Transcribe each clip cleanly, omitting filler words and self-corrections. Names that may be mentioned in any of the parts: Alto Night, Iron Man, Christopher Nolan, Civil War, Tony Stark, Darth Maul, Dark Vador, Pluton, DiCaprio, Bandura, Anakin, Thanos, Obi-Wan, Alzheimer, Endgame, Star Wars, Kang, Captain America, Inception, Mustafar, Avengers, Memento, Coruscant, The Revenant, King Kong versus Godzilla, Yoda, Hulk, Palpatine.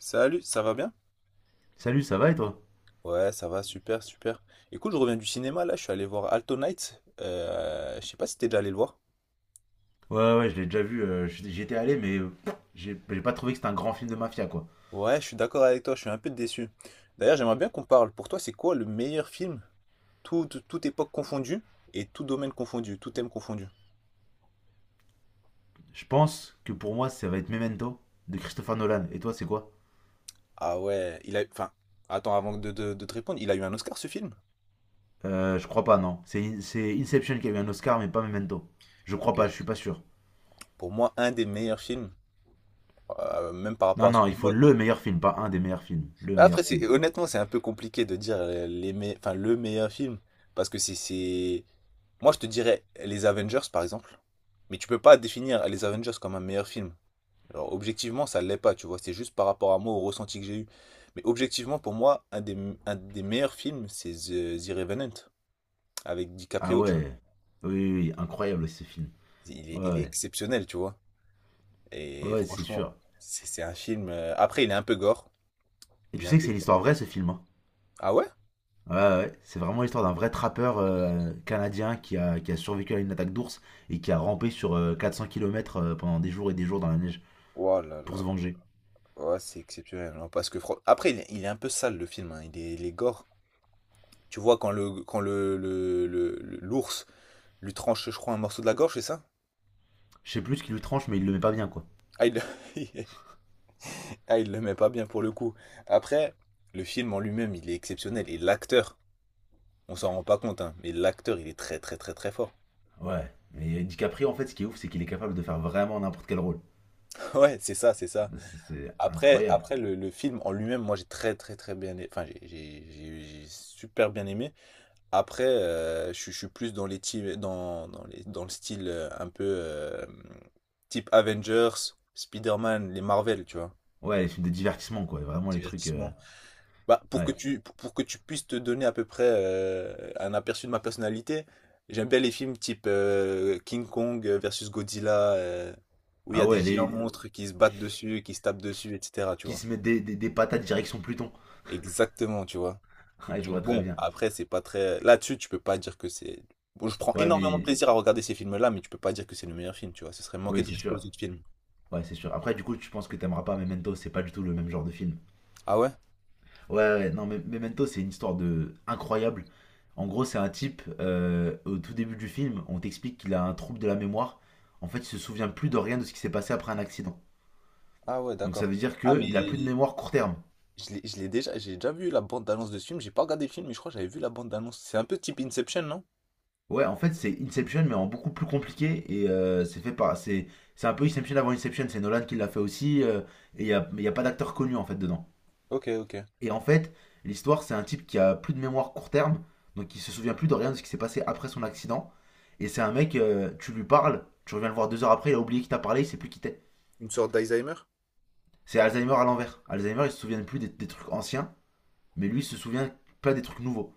Salut, ça va bien? Salut, ça va et toi? Ouais, ça va, super, super. Écoute, je reviens du cinéma, là, je suis allé voir Alto Night. Je sais pas si t'es déjà allé le voir. Ouais, ouais, je l'ai déjà vu. J'y étais allé, mais j'ai pas trouvé que c'était un grand film de mafia, quoi. Ouais, je suis d'accord avec toi, je suis un peu déçu. D'ailleurs, j'aimerais bien qu'on parle. Pour toi, c'est quoi le meilleur film? Toute époque confondue et tout domaine confondu, tout thème confondu. Je pense que pour moi, ça va être Memento de Christopher Nolan. Et toi, c'est quoi? Ah ouais, il a... Enfin, attends, avant de te répondre, il a eu un Oscar, ce film? Je crois pas, non. C'est Inception qui a eu un Oscar, mais pas Memento. Je crois Ok. pas, je suis pas sûr. Pour moi, un des meilleurs films, même par rapport Non, à non, son il faut époque. le meilleur film, pas un des meilleurs films. Le Mais après, meilleur film. honnêtement, c'est un peu compliqué de dire le meilleur film. Parce que c'est, c'est. Moi, je te dirais les Avengers, par exemple. Mais tu peux pas définir les Avengers comme un meilleur film. Alors, objectivement, ça l'est pas, tu vois. C'est juste par rapport à moi, au ressenti que j'ai eu. Mais objectivement, pour moi, un des meilleurs films, c'est The Revenant, avec Ah DiCaprio, tu vois. ouais. Oui, oui, oui, incroyable ce film. Il est Ouais, exceptionnel, tu vois. ouais, Et ouais, c'est franchement, sûr. c'est un film. Après, il est un peu gore. Et Il tu est un sais que peu c'est gore. l'histoire vraie, ce film, hein. Ah ouais? Ouais, ouais, ouais. C'est vraiment l'histoire d'un vrai trappeur canadien qui a survécu à une attaque d'ours et qui a rampé sur 400 km pendant des jours et des jours dans la neige Oh là pour là. se venger. Ouais, c'est exceptionnel, hein, parce que après il est un peu sale le film, hein, il est gore. Tu vois quand l'ours lui tranche, je crois, un morceau de la gorge, c'est ça? Je sais plus ce qui lui tranche, mais il le met pas bien, quoi. Ah il, le... ah, il le met pas bien pour le coup. Après, le film en lui-même, il est exceptionnel et l'acteur, on s'en rend pas compte, hein, mais l'acteur, il est très très très très fort. Ouais, mais DiCaprio, en fait, ce qui est ouf, c'est qu'il est capable de faire vraiment n'importe quel rôle. Ouais, c'est ça, c'est ça. C'est Après incroyable. Le film en lui-même, moi j'ai très très très bien, a- enfin j'ai super bien aimé. Après, je suis plus dans les teams- dans, dans les, dans le style un peu type Avengers, Spider-Man, les Marvel, tu vois, Ouais, les films de divertissement, quoi. Vraiment les trucs. divertissement. Bah, Ouais. Pour que tu puisses te donner à peu près un aperçu de ma personnalité, j'aime bien les films type King Kong versus Godzilla, où il y Ah a des ouais, géants les... monstres qui se battent dessus, qui se tapent qui, dessus, etc., tu qui vois. se mettent des patates direction Pluton. Exactement, tu vois. Ouais, je vois Donc très bon, bien. après, c'est pas très. Là-dessus, tu peux pas dire que c'est. Bon, je prends Ouais, énormément de mais. plaisir à regarder ces films-là, mais tu peux pas dire que c'est le meilleur film, tu vois. Ce serait manquer Oui, de c'est respect sûr. aux autres films. Ouais, c'est sûr. Après, du coup, tu penses que t'aimeras pas Memento, c'est pas du tout le même genre de film. Ah ouais? Ouais, ouais, non, mais Memento, c'est une histoire de incroyable. En gros, c'est un type, au tout début du film, on t'explique qu'il a un trouble de la mémoire. En fait, il se souvient plus de rien de ce qui s'est passé après un accident. Ah ouais, Donc ça d'accord. veut dire Ah, mais qu'il a plus de mémoire court terme. J'ai déjà vu la bande-annonce de ce film. J'ai pas regardé le film, mais je crois que j'avais vu la bande-annonce. C'est un peu type Inception, non? Ouais, en fait, c'est Inception, mais en beaucoup plus compliqué. Et c'est fait par. C'est un peu Inception avant Inception, c'est Nolan qui l'a fait aussi. Et il n'y a, mais y a pas d'acteur connu, en fait, dedans. Ok, ok. Et en fait, l'histoire, c'est un type qui a plus de mémoire court terme. Donc il se souvient plus de rien de ce qui s'est passé après son accident. Et c'est un mec, tu lui parles, tu reviens le voir deux heures après, il a oublié qui t'a parlé, il sait plus qui t'es. Une sorte d'Alzheimer? C'est Alzheimer à l'envers. Alzheimer, il se souvient plus des trucs anciens, mais lui, il se souvient pas des trucs nouveaux.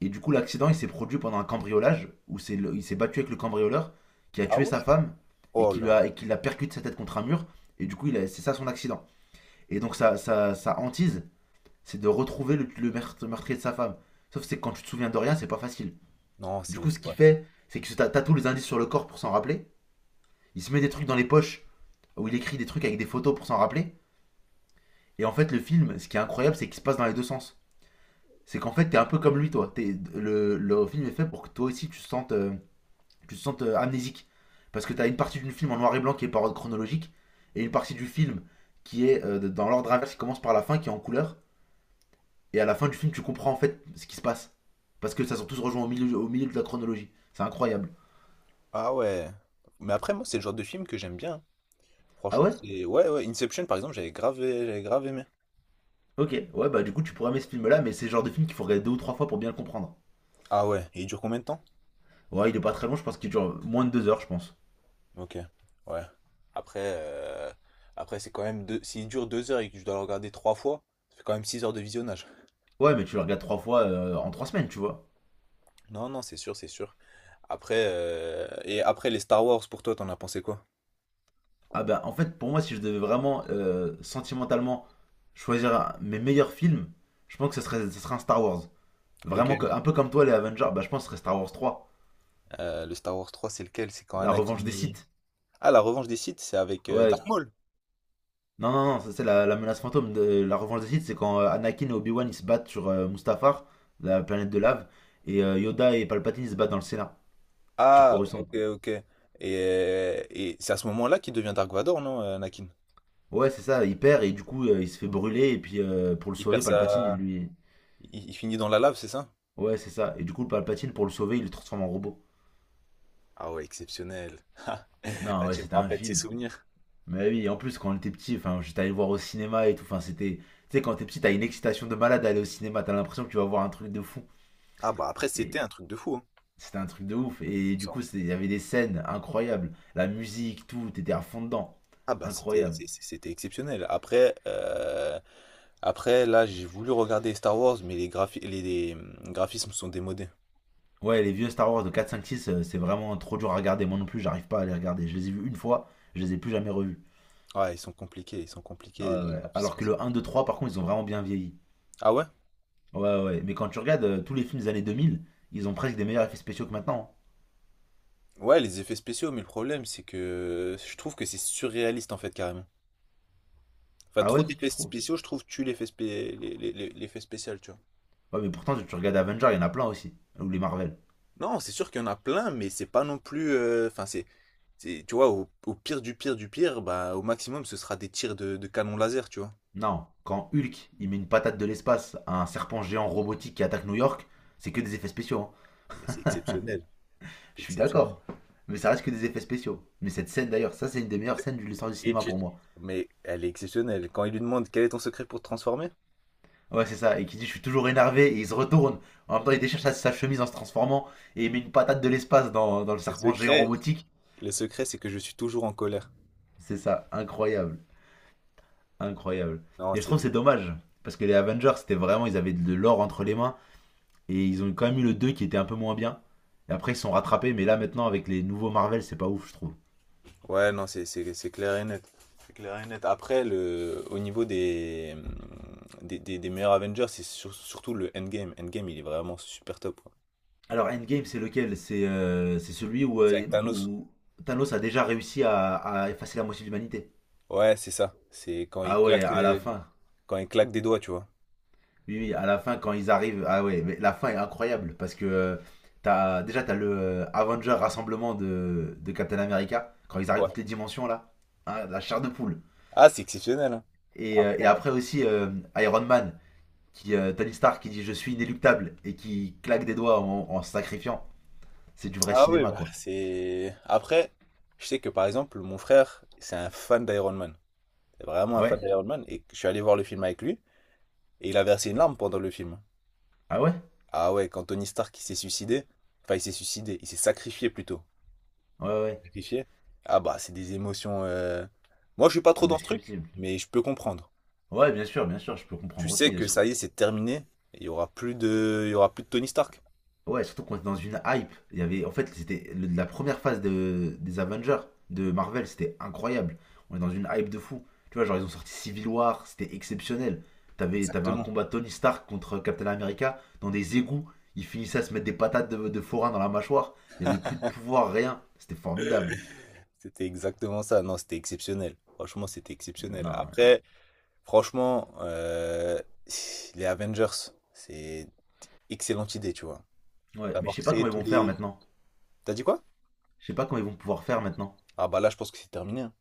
Et du coup, l'accident, il s'est produit pendant un cambriolage, il s'est battu avec le cambrioleur, qui a Ah tué ouais? sa femme, Oh là là. Et qui l'a percuté sa tête contre un mur, et du coup, c'est ça son accident. Et donc, sa, sa, sa hantise, c'est de retrouver le meurtrier de sa femme. Sauf que quand tu te souviens de rien, c'est pas facile. Non, Du coup, c'est. ce C'est- qu'il Ouais. fait, c'est qu'il se tatoue les indices sur le corps pour s'en rappeler. Il se met des trucs dans les poches où il écrit des trucs avec des photos pour s'en rappeler. Et en fait, le film, ce qui est incroyable, c'est qu'il se passe dans les deux sens. C'est qu'en fait, t'es un peu comme lui, toi. Le film est fait pour que toi aussi, tu te sentes amnésique. Parce que t'as une partie du film en noir et blanc qui est par ordre chronologique, et une partie du film qui est dans l'ordre inverse, qui commence par la fin, qui est en couleur. Et à la fin du film, tu comprends en fait ce qui se passe. Parce que ça sont tous rejoints au milieu de la chronologie. C'est incroyable. Ah ouais. Mais après, moi, c'est le genre de film que j'aime bien. Ah Franchement, ouais. c'est. Ouais, ouais. Inception, par exemple, j'avais grave aimé. Ok, ouais, bah du coup, tu pourrais aimer ce film-là, mais c'est le genre de film qu'il faut regarder deux ou trois fois pour bien le comprendre. Ah ouais. Et il dure combien de temps? Ouais, il est pas très long, je pense qu'il dure moins de deux heures, je pense. Ok, ouais. Après, c'est quand même s'il dure 2 heures et que je dois le regarder 3 fois, ça fait quand même 6 heures de visionnage. Ouais, mais tu le regardes trois fois en trois semaines, tu vois. Non, non, c'est sûr, c'est sûr. Après, les Star Wars pour toi, t'en as pensé quoi? Ah bah en fait, pour moi, si je devais vraiment sentimentalement choisir mes meilleurs films, je pense que ce serait un Star Wars. Vraiment, Lequel? Un peu comme toi, les Avengers, bah je pense que ce serait Star Wars 3, Le Star Wars 3, c'est lequel? C'est quand La Anakin. Revanche des Il- Sith. Ah, la revanche des Sith, c'est avec Ouais, Darth Maul. non, non, non, ça, c'est la, la menace fantôme. De, la Revanche des Sith, c'est quand Anakin et Obi-Wan ils se battent sur Mustafar, la planète de lave, et Yoda et Palpatine ils se battent dans le Sénat, sur Ah, Coruscant. ok, ok. Et c'est à ce moment-là qu'il devient Dark Vador, non, Anakin? Ouais, c'est ça, il perd et du coup il se fait brûler et puis pour le Il perd sauver, Palpatine il sa. lui, Il finit dans la lave, c'est ça? Ouais, c'est ça. Et du coup, Palpatine, pour le sauver, il le transforme en robot. Ah ouais, exceptionnel. Non, Là, ouais, tu me c'était un rappelles tes film. souvenirs. Mais oui, en plus, quand on était petit, enfin, j'étais allé le voir au cinéma et tout. Enfin, c'était. Tu sais, quand t'es petit, t'as une excitation de malade à aller au cinéma. T'as l'impression que tu vas voir un truc de fou. Ah bah après c'était Et un truc de fou, hein. c'était un truc de ouf. Et du Ça, coup, on- il y avait des scènes incroyables. La musique, tout. T'étais à fond dedans. Ah bah Incroyable. C'était exceptionnel. Après là j'ai voulu regarder Star Wars mais les graphismes sont démodés. Ouais, les vieux Star Wars de quatre cinq six c'est vraiment trop dur à regarder. Moi non plus, j'arrive pas à les regarder. Je les ai vus une fois, je les ai plus jamais revus. Ils sont Ouais, compliqués les ouais. Alors graphismes. que le un 2 3 par contre, ils ont vraiment bien vieilli. Ah ouais? Ouais, ouais, ouais. Mais quand tu regardes tous les films des années 2000, ils ont presque des meilleurs effets spéciaux que maintenant, hein. Ouais les effets spéciaux mais le problème c'est que je trouve que c'est surréaliste en fait carrément. Enfin Ah trop ouais, tu d'effets trouves? spéciaux je trouve tue l'effet spé- les- l'effet spécial tu vois. Ouais, mais pourtant, tu regardes Avengers, il y en a plein aussi. Ou les Marvel. Non, c'est sûr qu'il y en a plein, mais c'est pas non plus. Enfin, c'est, tu vois, au pire du pire du pire, bah, au maximum, ce sera des tirs de canon laser, tu vois. Non, quand Hulk, il met une patate de l'espace à un serpent géant robotique qui attaque New York, c'est que des effets spéciaux, hein. Mais c'est exceptionnel, c'est Je suis exceptionnel. d'accord, mais ça reste que des effets spéciaux. Mais cette scène d'ailleurs, ça, c'est une des meilleures scènes de l'histoire du Et cinéma tu... pour moi. Mais elle est exceptionnelle. Quand il lui demande quel est ton secret pour te transformer? Ouais, c'est ça, et qui dit je suis toujours énervé, et il se retourne. En même temps, il déchire sa, sa chemise en se transformant, et il met une patate de l'espace dans, dans le Le serpent géant secret. robotique. Le secret, c'est que je suis toujours en colère. C'est ça, incroyable. Incroyable. Non, Et je c'est... trouve que c'est dommage. Parce que les Avengers, c'était vraiment, ils avaient de l'or entre les mains. Et ils ont quand même eu le 2 qui était un peu moins bien. Et après, ils se sont rattrapés. Mais là, maintenant, avec les nouveaux Marvel, c'est pas ouf, je trouve. Ouais, non, c'est clair et net. C'est clair et net. Après, au niveau des meilleurs Avengers, c'est surtout le Endgame. Endgame, il est vraiment super top, quoi. Alors, Endgame, c'est lequel? C'est celui où, C'est avec Thanos. où Thanos a déjà réussi à effacer la moitié de l'humanité. Ouais, c'est ça. C'est Ah ouais, à la fin. quand il claque des doigts, tu vois. Oui, oui, à la fin, quand ils arrivent. Ah ouais, mais la fin est incroyable. Parce que t'as, déjà, t'as le Avenger rassemblement de Captain America. Quand ils arrivent Ouais. toutes les dimensions, là. Hein, la chair de poule. Ah, c'est exceptionnel, hein. Et Après- après aussi Iron Man, qui, Tony Stark qui dit je suis inéluctable et qui claque des doigts en, en se sacrifiant. C'est du vrai Ah oui, cinéma, bah, quoi. c'est. Après, je sais que par exemple, mon frère, c'est un fan d'Iron Man. C'est vraiment un fan Ouais. d'Iron Man. Et je suis allé voir le film avec lui. Et il a versé une larme pendant le film. Ah ouais? Ah ouais, quand Tony Stark il s'est suicidé. Enfin, il s'est suicidé. Il s'est sacrifié plutôt. Ouais, ouais. Sacrifié. Ah bah, c'est des émotions. Moi, je suis pas trop dans ce truc, Indescriptible. mais je peux comprendre. Ouais, bien sûr, je peux Tu comprendre sais aussi. que ça y est, c'est terminé. Il y aura plus de Tony Stark. Ouais, surtout qu'on était dans une hype. Il y avait, en fait, la première phase de, des Avengers de Marvel, c'était incroyable. On est dans une hype de fou. Tu vois, genre ils ont sorti Civil War, c'était exceptionnel. T'avais, t'avais un Exactement. combat Tony Stark contre Captain America dans des égouts. Ils finissaient à se mettre des patates de forain dans la mâchoire. Il y avait plus de pouvoir, rien. C'était formidable. C'était exactement ça. Non, c'était exceptionnel. Franchement, c'était exceptionnel. Non, Après, franchement, les Avengers, c'est excellente idée, tu vois. ouais, mais je D'avoir sais pas créé comment ils tous vont faire les... maintenant. T'as dit quoi? Je sais pas comment ils vont pouvoir faire maintenant. Ah bah là, je pense que c'est terminé, hein.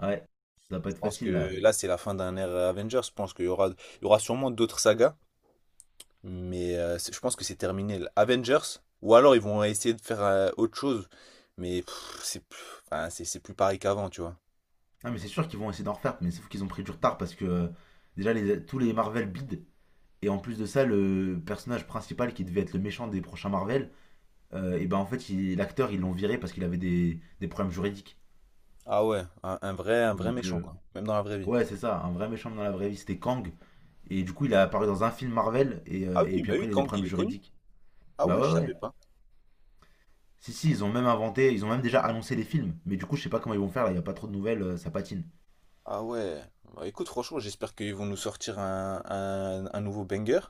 Ouais, ça va pas Je être pense facile que là. là, c'est la fin d'un ère Avengers. Je pense il y aura sûrement d'autres sagas, mais je pense que c'est terminé. Avengers, ou alors ils vont essayer de faire autre chose, mais pff, c'est plus, enfin, c'est plus pareil qu'avant, tu vois. Ah, mais c'est sûr qu'ils vont essayer d'en refaire, mais sauf qu'ils ont pris du retard parce que déjà les, tous les Marvel bides. Et en plus de ça, le personnage principal qui devait être le méchant des prochains Marvel, et ben en fait, l'acteur, ils l'ont viré parce qu'il avait des problèmes juridiques. Ah ouais, un vrai Donc, méchant, quoi. Même dans la vraie vie. ouais, c'est ça, un vrai méchant dans la vraie vie, c'était Kang. Et du coup, il a apparu dans un film Marvel, Ah et oui, puis bah après, oui, il a des Kang, il problèmes est connu. juridiques. Ah Bah ouais, je. Ouais, ouais, savais ouais. pas. Si, si, ils ont même inventé, ils ont même déjà annoncé les films. Mais du coup, je sais pas comment ils vont faire, là, il n'y a pas trop de nouvelles, ça patine. Ah ouais. Bah, écoute, franchement, j'espère qu'ils vont nous sortir un nouveau banger.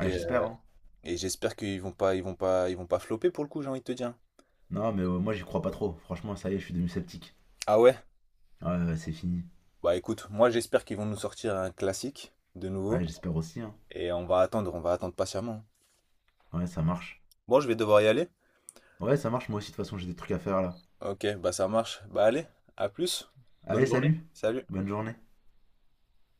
Ouais, j'espère, euh, hein. et j'espère qu'ils vont pas, ils vont pas, ils vont pas flopper pour le coup, j'ai envie de te dire. Non, mais moi, j'y crois pas trop. Franchement, ça y est, je suis devenu sceptique. Ah ouais? Ouais, ouais, c'est fini. Bah écoute, moi j'espère qu'ils vont nous sortir un classique de nouveau. Ouais, j'espère aussi, hein. Et on va attendre patiemment. Ouais, ça marche. Bon, je vais devoir y aller. Ouais, ça marche, moi aussi, de toute façon, j'ai des trucs à faire, là. Ok, bah ça marche. Bah allez, à plus. Bonne Allez, journée. salut. Salut. Bonne journée.